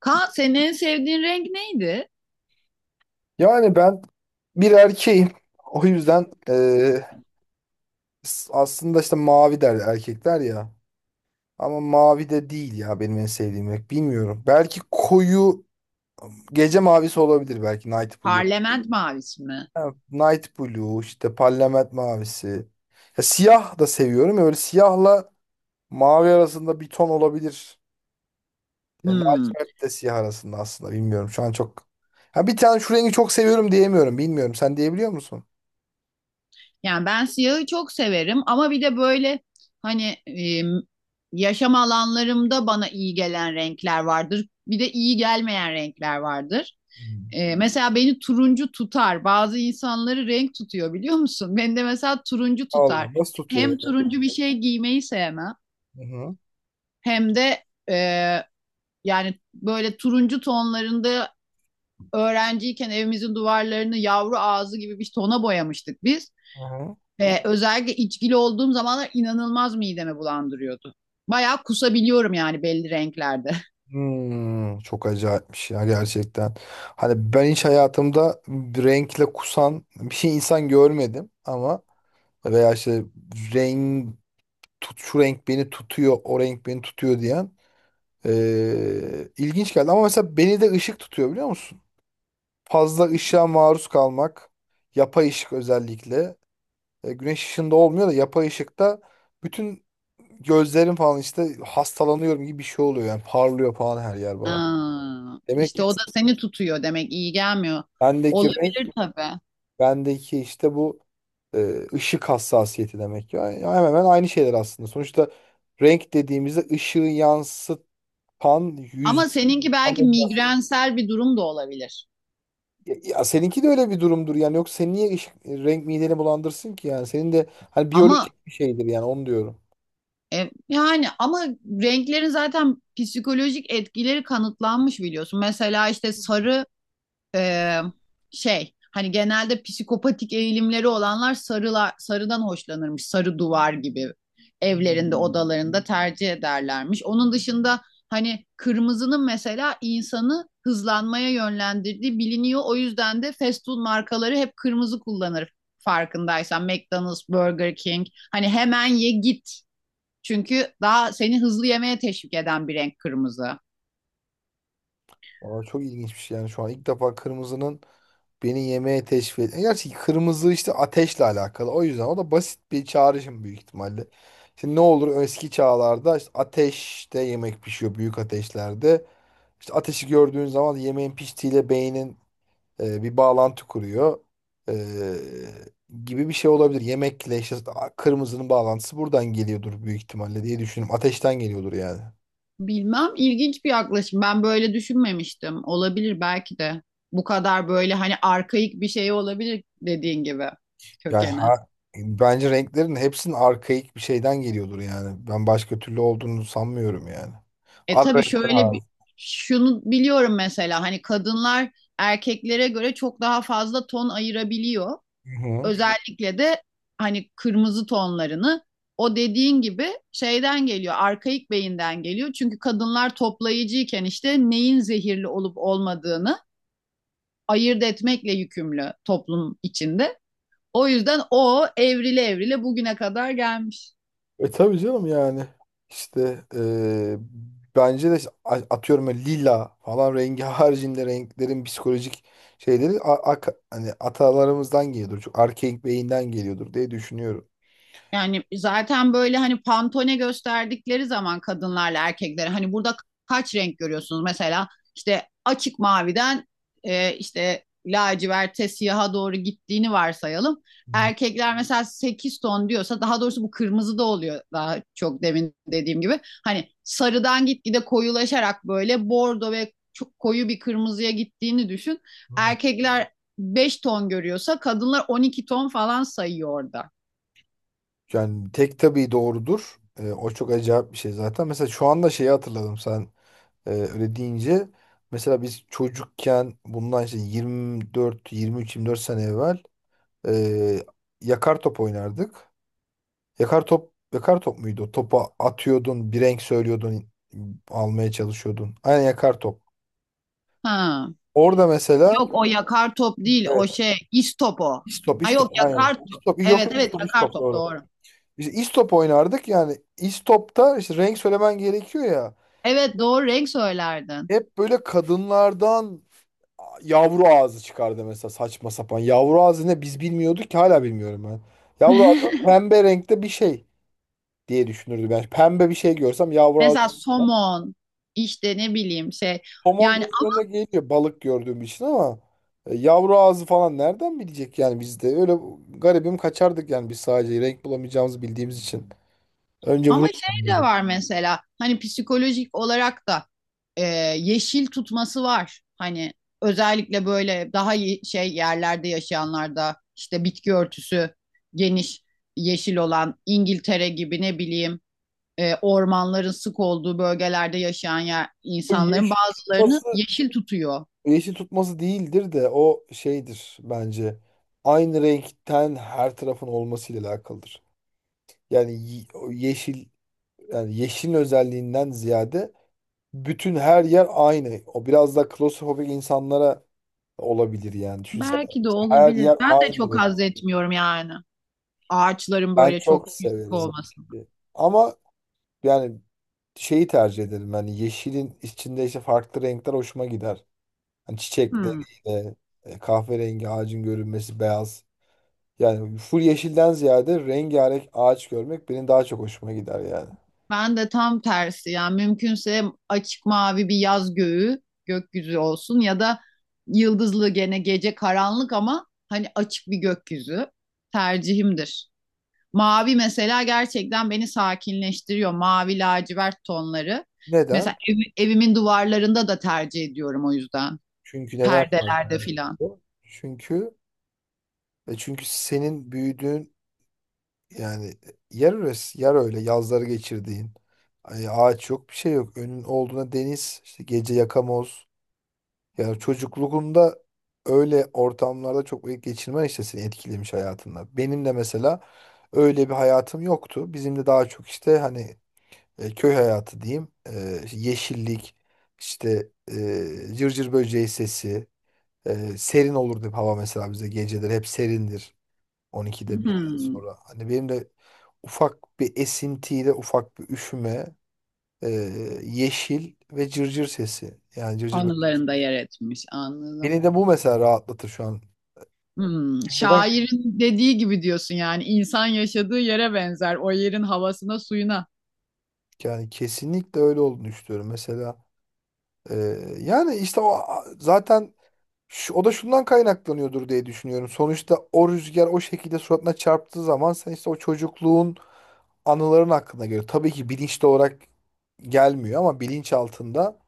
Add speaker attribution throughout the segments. Speaker 1: Kaan senin en sevdiğin renk neydi?
Speaker 2: Yani ben bir erkeğim. O yüzden aslında işte mavi der erkekler ya. Ama mavi de değil ya benim en sevdiğim renk. Bilmiyorum. Belki koyu gece mavisi olabilir, belki Night Blue.
Speaker 1: Parlament mavisi mi?
Speaker 2: Ha, Night Blue işte parlament mavisi. Ya siyah da seviyorum. Öyle siyahla mavi arasında bir ton olabilir. Yani
Speaker 1: Hmm.
Speaker 2: lacivert de siyah arasında aslında, bilmiyorum. Şu an çok. Ha, bir tane şu rengi çok seviyorum diyemiyorum. Bilmiyorum. Sen diyebiliyor musun?
Speaker 1: Yani ben siyahı çok severim ama bir de böyle hani yaşam alanlarımda bana iyi gelen renkler vardır. Bir de iyi gelmeyen renkler vardır.
Speaker 2: Hmm.
Speaker 1: E, mesela beni turuncu tutar. Bazı insanları renk tutuyor biliyor musun? Beni de mesela turuncu tutar.
Speaker 2: Allah, nasıl tutuyor
Speaker 1: Hem
Speaker 2: ya?
Speaker 1: turuncu bir şey giymeyi sevmem
Speaker 2: Hı hı.
Speaker 1: hem de e, yani böyle turuncu tonlarında öğrenciyken evimizin duvarlarını yavru ağzı gibi bir tona boyamıştık biz.
Speaker 2: Hı hı.
Speaker 1: Özellikle içkili olduğum zamanlar inanılmaz midemi bulandırıyordu. Bayağı kusabiliyorum yani belli renklerde.
Speaker 2: Hmm, çok acayipmiş ya gerçekten. Hani ben hiç hayatımda renkle kusan bir şey, insan görmedim ama, veya işte renk tut, şu renk beni tutuyor, o renk beni tutuyor diyen, ilginç geldi. Ama mesela beni de ışık tutuyor biliyor musun? Fazla ışığa maruz kalmak, yapay ışık özellikle. E, güneş ışığında olmuyor da yapay ışıkta bütün gözlerim falan işte hastalanıyorum gibi bir şey oluyor yani, parlıyor falan her yer bana.
Speaker 1: Aa,
Speaker 2: Demek
Speaker 1: işte
Speaker 2: ki
Speaker 1: o da seni tutuyor demek iyi gelmiyor.
Speaker 2: bendeki renk,
Speaker 1: Olabilir tabii.
Speaker 2: bendeki işte bu e, ışık hassasiyeti demek ki. Yani hemen hemen aynı şeyler aslında. Sonuçta renk dediğimizde ışığı yansıtan yüz
Speaker 1: Ama seninki belki
Speaker 2: tanımda.
Speaker 1: migrensel bir durum da olabilir.
Speaker 2: Ya, ya seninki de öyle bir durumdur yani. Yok, sen niye ışık, e, renk mideni bulandırsın ki yani? Senin de hani
Speaker 1: Ama
Speaker 2: biyolojik bir şeydir yani, onu diyorum.
Speaker 1: yani ama renklerin zaten psikolojik etkileri kanıtlanmış biliyorsun. Mesela işte sarı e, şey hani genelde psikopatik eğilimleri olanlar sarılar, sarıdan hoşlanırmış. Sarı duvar gibi evlerinde odalarında tercih ederlermiş. Onun dışında hani kırmızının mesela insanı hızlanmaya yönlendirdiği biliniyor. O yüzden de fast food markaları hep kırmızı kullanır farkındaysan. McDonald's, Burger King hani hemen ye git. Çünkü daha seni hızlı yemeye teşvik eden bir renk kırmızı.
Speaker 2: Aa, çok ilginç bir şey yani, şu an ilk defa kırmızının beni yemeğe teşvik et. Gerçi kırmızı işte ateşle alakalı. O yüzden o da basit bir çağrışım büyük ihtimalle. Şimdi ne olur, eski çağlarda işte ateşte yemek pişiyor büyük ateşlerde. İşte ateşi gördüğün zaman yemeğin piştiğiyle beynin e, bir bağlantı kuruyor. E, gibi bir şey olabilir. Yemekle işte kırmızının bağlantısı buradan geliyordur büyük ihtimalle diye düşünüyorum. Ateşten geliyordur yani.
Speaker 1: Bilmem, ilginç bir yaklaşım. Ben böyle düşünmemiştim. Olabilir belki de. Bu kadar böyle hani arkaik bir şey olabilir dediğin gibi
Speaker 2: Yani
Speaker 1: kökeni.
Speaker 2: ha, bence renklerin hepsinin arkaik bir şeyden geliyordur yani. Ben başka türlü olduğunu sanmıyorum yani.
Speaker 1: E
Speaker 2: Ara
Speaker 1: tabii,
Speaker 2: renkler
Speaker 1: şöyle bir
Speaker 2: abi.
Speaker 1: şunu biliyorum mesela: hani kadınlar erkeklere göre çok daha fazla ton ayırabiliyor.
Speaker 2: Hı hı.
Speaker 1: Özellikle de hani kırmızı tonlarını, o dediğin gibi şeyden geliyor. Arkaik beyinden geliyor. Çünkü kadınlar toplayıcıyken işte neyin zehirli olup olmadığını ayırt etmekle yükümlü toplum içinde. O yüzden o evrile evrile bugüne kadar gelmiş.
Speaker 2: E tabii canım yani. İşte e, bence de atıyorum ya lila falan rengi haricinde renklerin psikolojik şeyleri a- a hani atalarımızdan geliyordur. Çok arkaik beyinden geliyordur diye düşünüyorum.
Speaker 1: Yani zaten böyle hani pantone gösterdikleri zaman kadınlarla erkekleri, hani burada kaç renk görüyorsunuz? Mesela işte açık maviden işte laciverte siyaha doğru gittiğini varsayalım.
Speaker 2: Hı
Speaker 1: Erkekler mesela 8 ton diyorsa, daha doğrusu bu kırmızı da oluyor daha çok demin dediğim gibi. Hani sarıdan gitgide koyulaşarak böyle bordo ve çok koyu bir kırmızıya gittiğini düşün.
Speaker 2: hı.
Speaker 1: Erkekler 5 ton görüyorsa kadınlar 12 ton falan sayıyor orada.
Speaker 2: Yani tek tabii doğrudur. E, o çok acayip bir şey zaten. Mesela şu anda şeyi hatırladım sen. Öyle deyince mesela biz çocukken bundan işte 24, 23, 24 sene evvel e, yakar top oynardık. Yakar top, yakar top muydu o? Topa atıyordun, bir renk söylüyordun, almaya çalışıyordun. Aynen, yakar top.
Speaker 1: Ha.
Speaker 2: Orada mesela
Speaker 1: Yok, o yakar top değil, o
Speaker 2: evet.
Speaker 1: şey istop o.
Speaker 2: İstop,
Speaker 1: Ha
Speaker 2: istop,
Speaker 1: yok,
Speaker 2: aynen.
Speaker 1: yakar top.
Speaker 2: İstop, yok
Speaker 1: Evet,
Speaker 2: yok
Speaker 1: evet,
Speaker 2: istop,
Speaker 1: yakar
Speaker 2: istop
Speaker 1: top
Speaker 2: doğru.
Speaker 1: doğru.
Speaker 2: İşte istop oynardık yani, istopta işte renk söylemen gerekiyor ya.
Speaker 1: Evet doğru renk söylerdin.
Speaker 2: Hep böyle kadınlardan yavru ağzı çıkardı mesela, saçma sapan. Yavru ağzı ne biz bilmiyorduk ki, hala bilmiyorum ben. Yavru ağzı pembe renkte bir şey diye düşünürdüm ben. Pembe bir şey görsem yavru ağzı.
Speaker 1: Mesela somon, işte ne bileyim şey
Speaker 2: Somon
Speaker 1: yani
Speaker 2: gözlerine geliyor balık gördüğüm için ama e, yavru ağzı falan nereden bilecek yani, biz de öyle garibim kaçardık yani, biz sadece renk bulamayacağımızı bildiğimiz için. Önce
Speaker 1: ama
Speaker 2: vurup
Speaker 1: şey de var mesela hani psikolojik olarak da e, yeşil tutması var. Hani özellikle böyle daha şey yerlerde yaşayanlarda işte bitki örtüsü geniş yeşil olan İngiltere gibi, ne bileyim ormanların sık olduğu bölgelerde yaşayan yer,
Speaker 2: o
Speaker 1: insanların
Speaker 2: yeşil
Speaker 1: bazılarını
Speaker 2: tutması,
Speaker 1: yeşil tutuyor.
Speaker 2: yeşil tutması değildir de o şeydir bence. Aynı renkten her tarafın olmasıyla alakalıdır. Yani o yeşil, yani yeşilin özelliğinden ziyade bütün her yer aynı. O biraz da klostrofobik insanlara olabilir yani. Düşünsene,
Speaker 1: Belki de
Speaker 2: her
Speaker 1: olabilir.
Speaker 2: yer
Speaker 1: Ben de
Speaker 2: aynı
Speaker 1: çok
Speaker 2: renk.
Speaker 1: haz etmiyorum yani. Ağaçların
Speaker 2: Ben
Speaker 1: böyle çok
Speaker 2: çok
Speaker 1: yüksek
Speaker 2: severim.
Speaker 1: olması.
Speaker 2: Ama yani şeyi tercih ederim. Yani yeşilin içinde işte farklı renkler hoşuma gider. Hani
Speaker 1: Hmm.
Speaker 2: çiçekleriyle e, kahverengi ağacın görünmesi, beyaz. Yani full yeşilden ziyade rengarenk ağaç görmek benim daha çok hoşuma gider yani.
Speaker 1: Ben de tam tersi yani, mümkünse açık mavi bir yaz göğü, gökyüzü olsun ya da yıldızlı gene gece karanlık ama hani açık bir gökyüzü tercihimdir. Mavi mesela gerçekten beni sakinleştiriyor. Mavi lacivert tonları. Mesela
Speaker 2: Neden?
Speaker 1: evimin duvarlarında da tercih ediyorum o yüzden.
Speaker 2: Çünkü neden
Speaker 1: Perdelerde
Speaker 2: sakin?
Speaker 1: filan.
Speaker 2: Çünkü e çünkü senin büyüdüğün yani e, yer orası, yer öyle, yazları geçirdiğin. Ay, ağaç yok, bir şey yok. Önün olduğuna deniz, işte gece yakamoz. Yani çocukluğunda öyle ortamlarda çok vakit geçirmen işte seni etkilemiş hayatında. Benim de mesela öyle bir hayatım yoktu. Bizim de daha çok işte hani e, köy hayatı diyeyim. E, işte yeşillik, işte e, cırcır böceği sesi. Serin olurdu hep hava mesela, bize geceleri hep serindir 12'de 1'den
Speaker 1: Hmm,
Speaker 2: sonra. Hani benim de ufak bir esintiyle ufak bir üşüme, e, yeşil ve cırcır sesi. Yani cırcır
Speaker 1: anılarında yer etmiş anladım.
Speaker 2: beni de bu mesela rahatlatır şu an.
Speaker 1: Hmm,
Speaker 2: Çünkü neden?
Speaker 1: şairin dediği gibi diyorsun, yani insan yaşadığı yere benzer, o yerin havasına suyuna.
Speaker 2: Yani kesinlikle öyle olduğunu düşünüyorum. Mesela e, yani işte o zaten şu, o da şundan kaynaklanıyordur diye düşünüyorum. Sonuçta o rüzgar o şekilde suratına çarptığı zaman sen işte o çocukluğun anıların hakkında geliyor. Tabii ki bilinçli olarak gelmiyor ama bilinç altında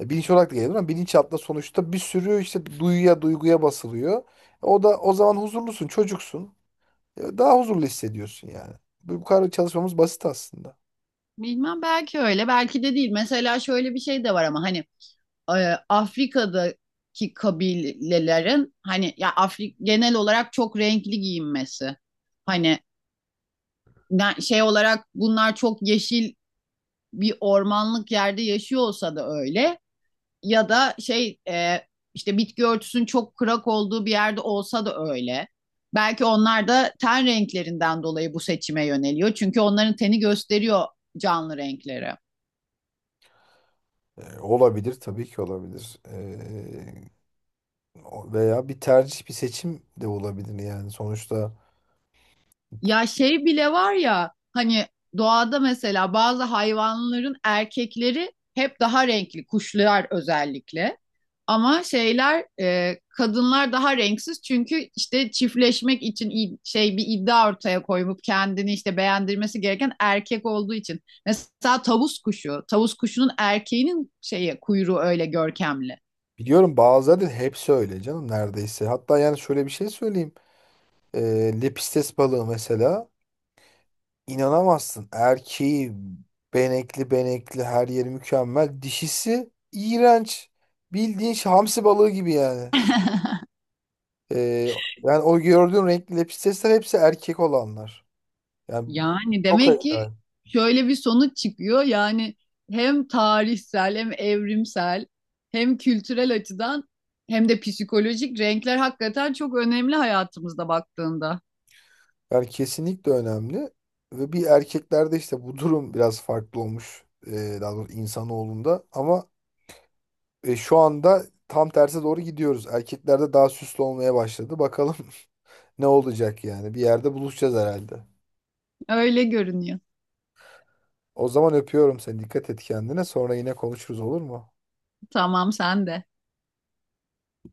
Speaker 2: e, bilinç olarak da geliyor ama bilinç altında sonuçta bir sürü işte duyuya duyguya basılıyor. E, o da o zaman huzurlusun, çocuksun. E, daha huzurlu hissediyorsun yani. Bu kadar çalışmamız basit aslında.
Speaker 1: Bilmem, belki öyle belki de değil. Mesela şöyle bir şey de var ama hani Afrika'daki kabilelerin, hani ya genel olarak çok renkli giyinmesi. Hani şey olarak bunlar çok yeşil bir ormanlık yerde yaşıyor olsa da öyle, ya da şey işte bitki örtüsünün çok kırak olduğu bir yerde olsa da öyle. Belki onlar da ten renklerinden dolayı bu seçime yöneliyor. Çünkü onların teni gösteriyor canlı renkleri.
Speaker 2: E, olabilir, tabii ki olabilir. E, veya bir tercih, bir seçim de olabilir yani sonuçta.
Speaker 1: Ya şey bile var ya hani, doğada mesela bazı hayvanların erkekleri hep daha renkli, kuşlar özellikle. Ama şeyler kadınlar daha renksiz çünkü işte çiftleşmek için şey bir iddia ortaya koyup kendini işte beğendirmesi gereken erkek olduğu için. Mesela tavus kuşu, tavus kuşunun erkeğinin şeye kuyruğu öyle görkemli.
Speaker 2: Biliyorum, bazıları da hepsi öyle canım neredeyse. Hatta yani şöyle bir şey söyleyeyim. Lepistes balığı mesela, inanamazsın. Erkeği benekli benekli, her yeri mükemmel. Dişisi iğrenç. Bildiğin şey, hamsi balığı gibi yani. Ee, yani o gördüğün renkli lepistesler hepsi erkek olanlar. Yani
Speaker 1: Yani
Speaker 2: çok ayıp
Speaker 1: demek ki
Speaker 2: yani.
Speaker 1: şöyle bir sonuç çıkıyor. Yani hem tarihsel hem evrimsel hem kültürel açıdan hem de psikolojik, renkler hakikaten çok önemli hayatımızda baktığında.
Speaker 2: Yani kesinlikle önemli. Ve bir, erkeklerde işte bu durum biraz farklı olmuş. Daha doğrusu insanoğlunda. Ama e, şu anda tam terse doğru gidiyoruz. Erkeklerde daha süslü olmaya başladı. Bakalım ne olacak yani. Bir yerde buluşacağız herhalde.
Speaker 1: Öyle görünüyor.
Speaker 2: O zaman öpüyorum seni. Dikkat et kendine. Sonra yine konuşuruz, olur mu?
Speaker 1: Tamam, sen de.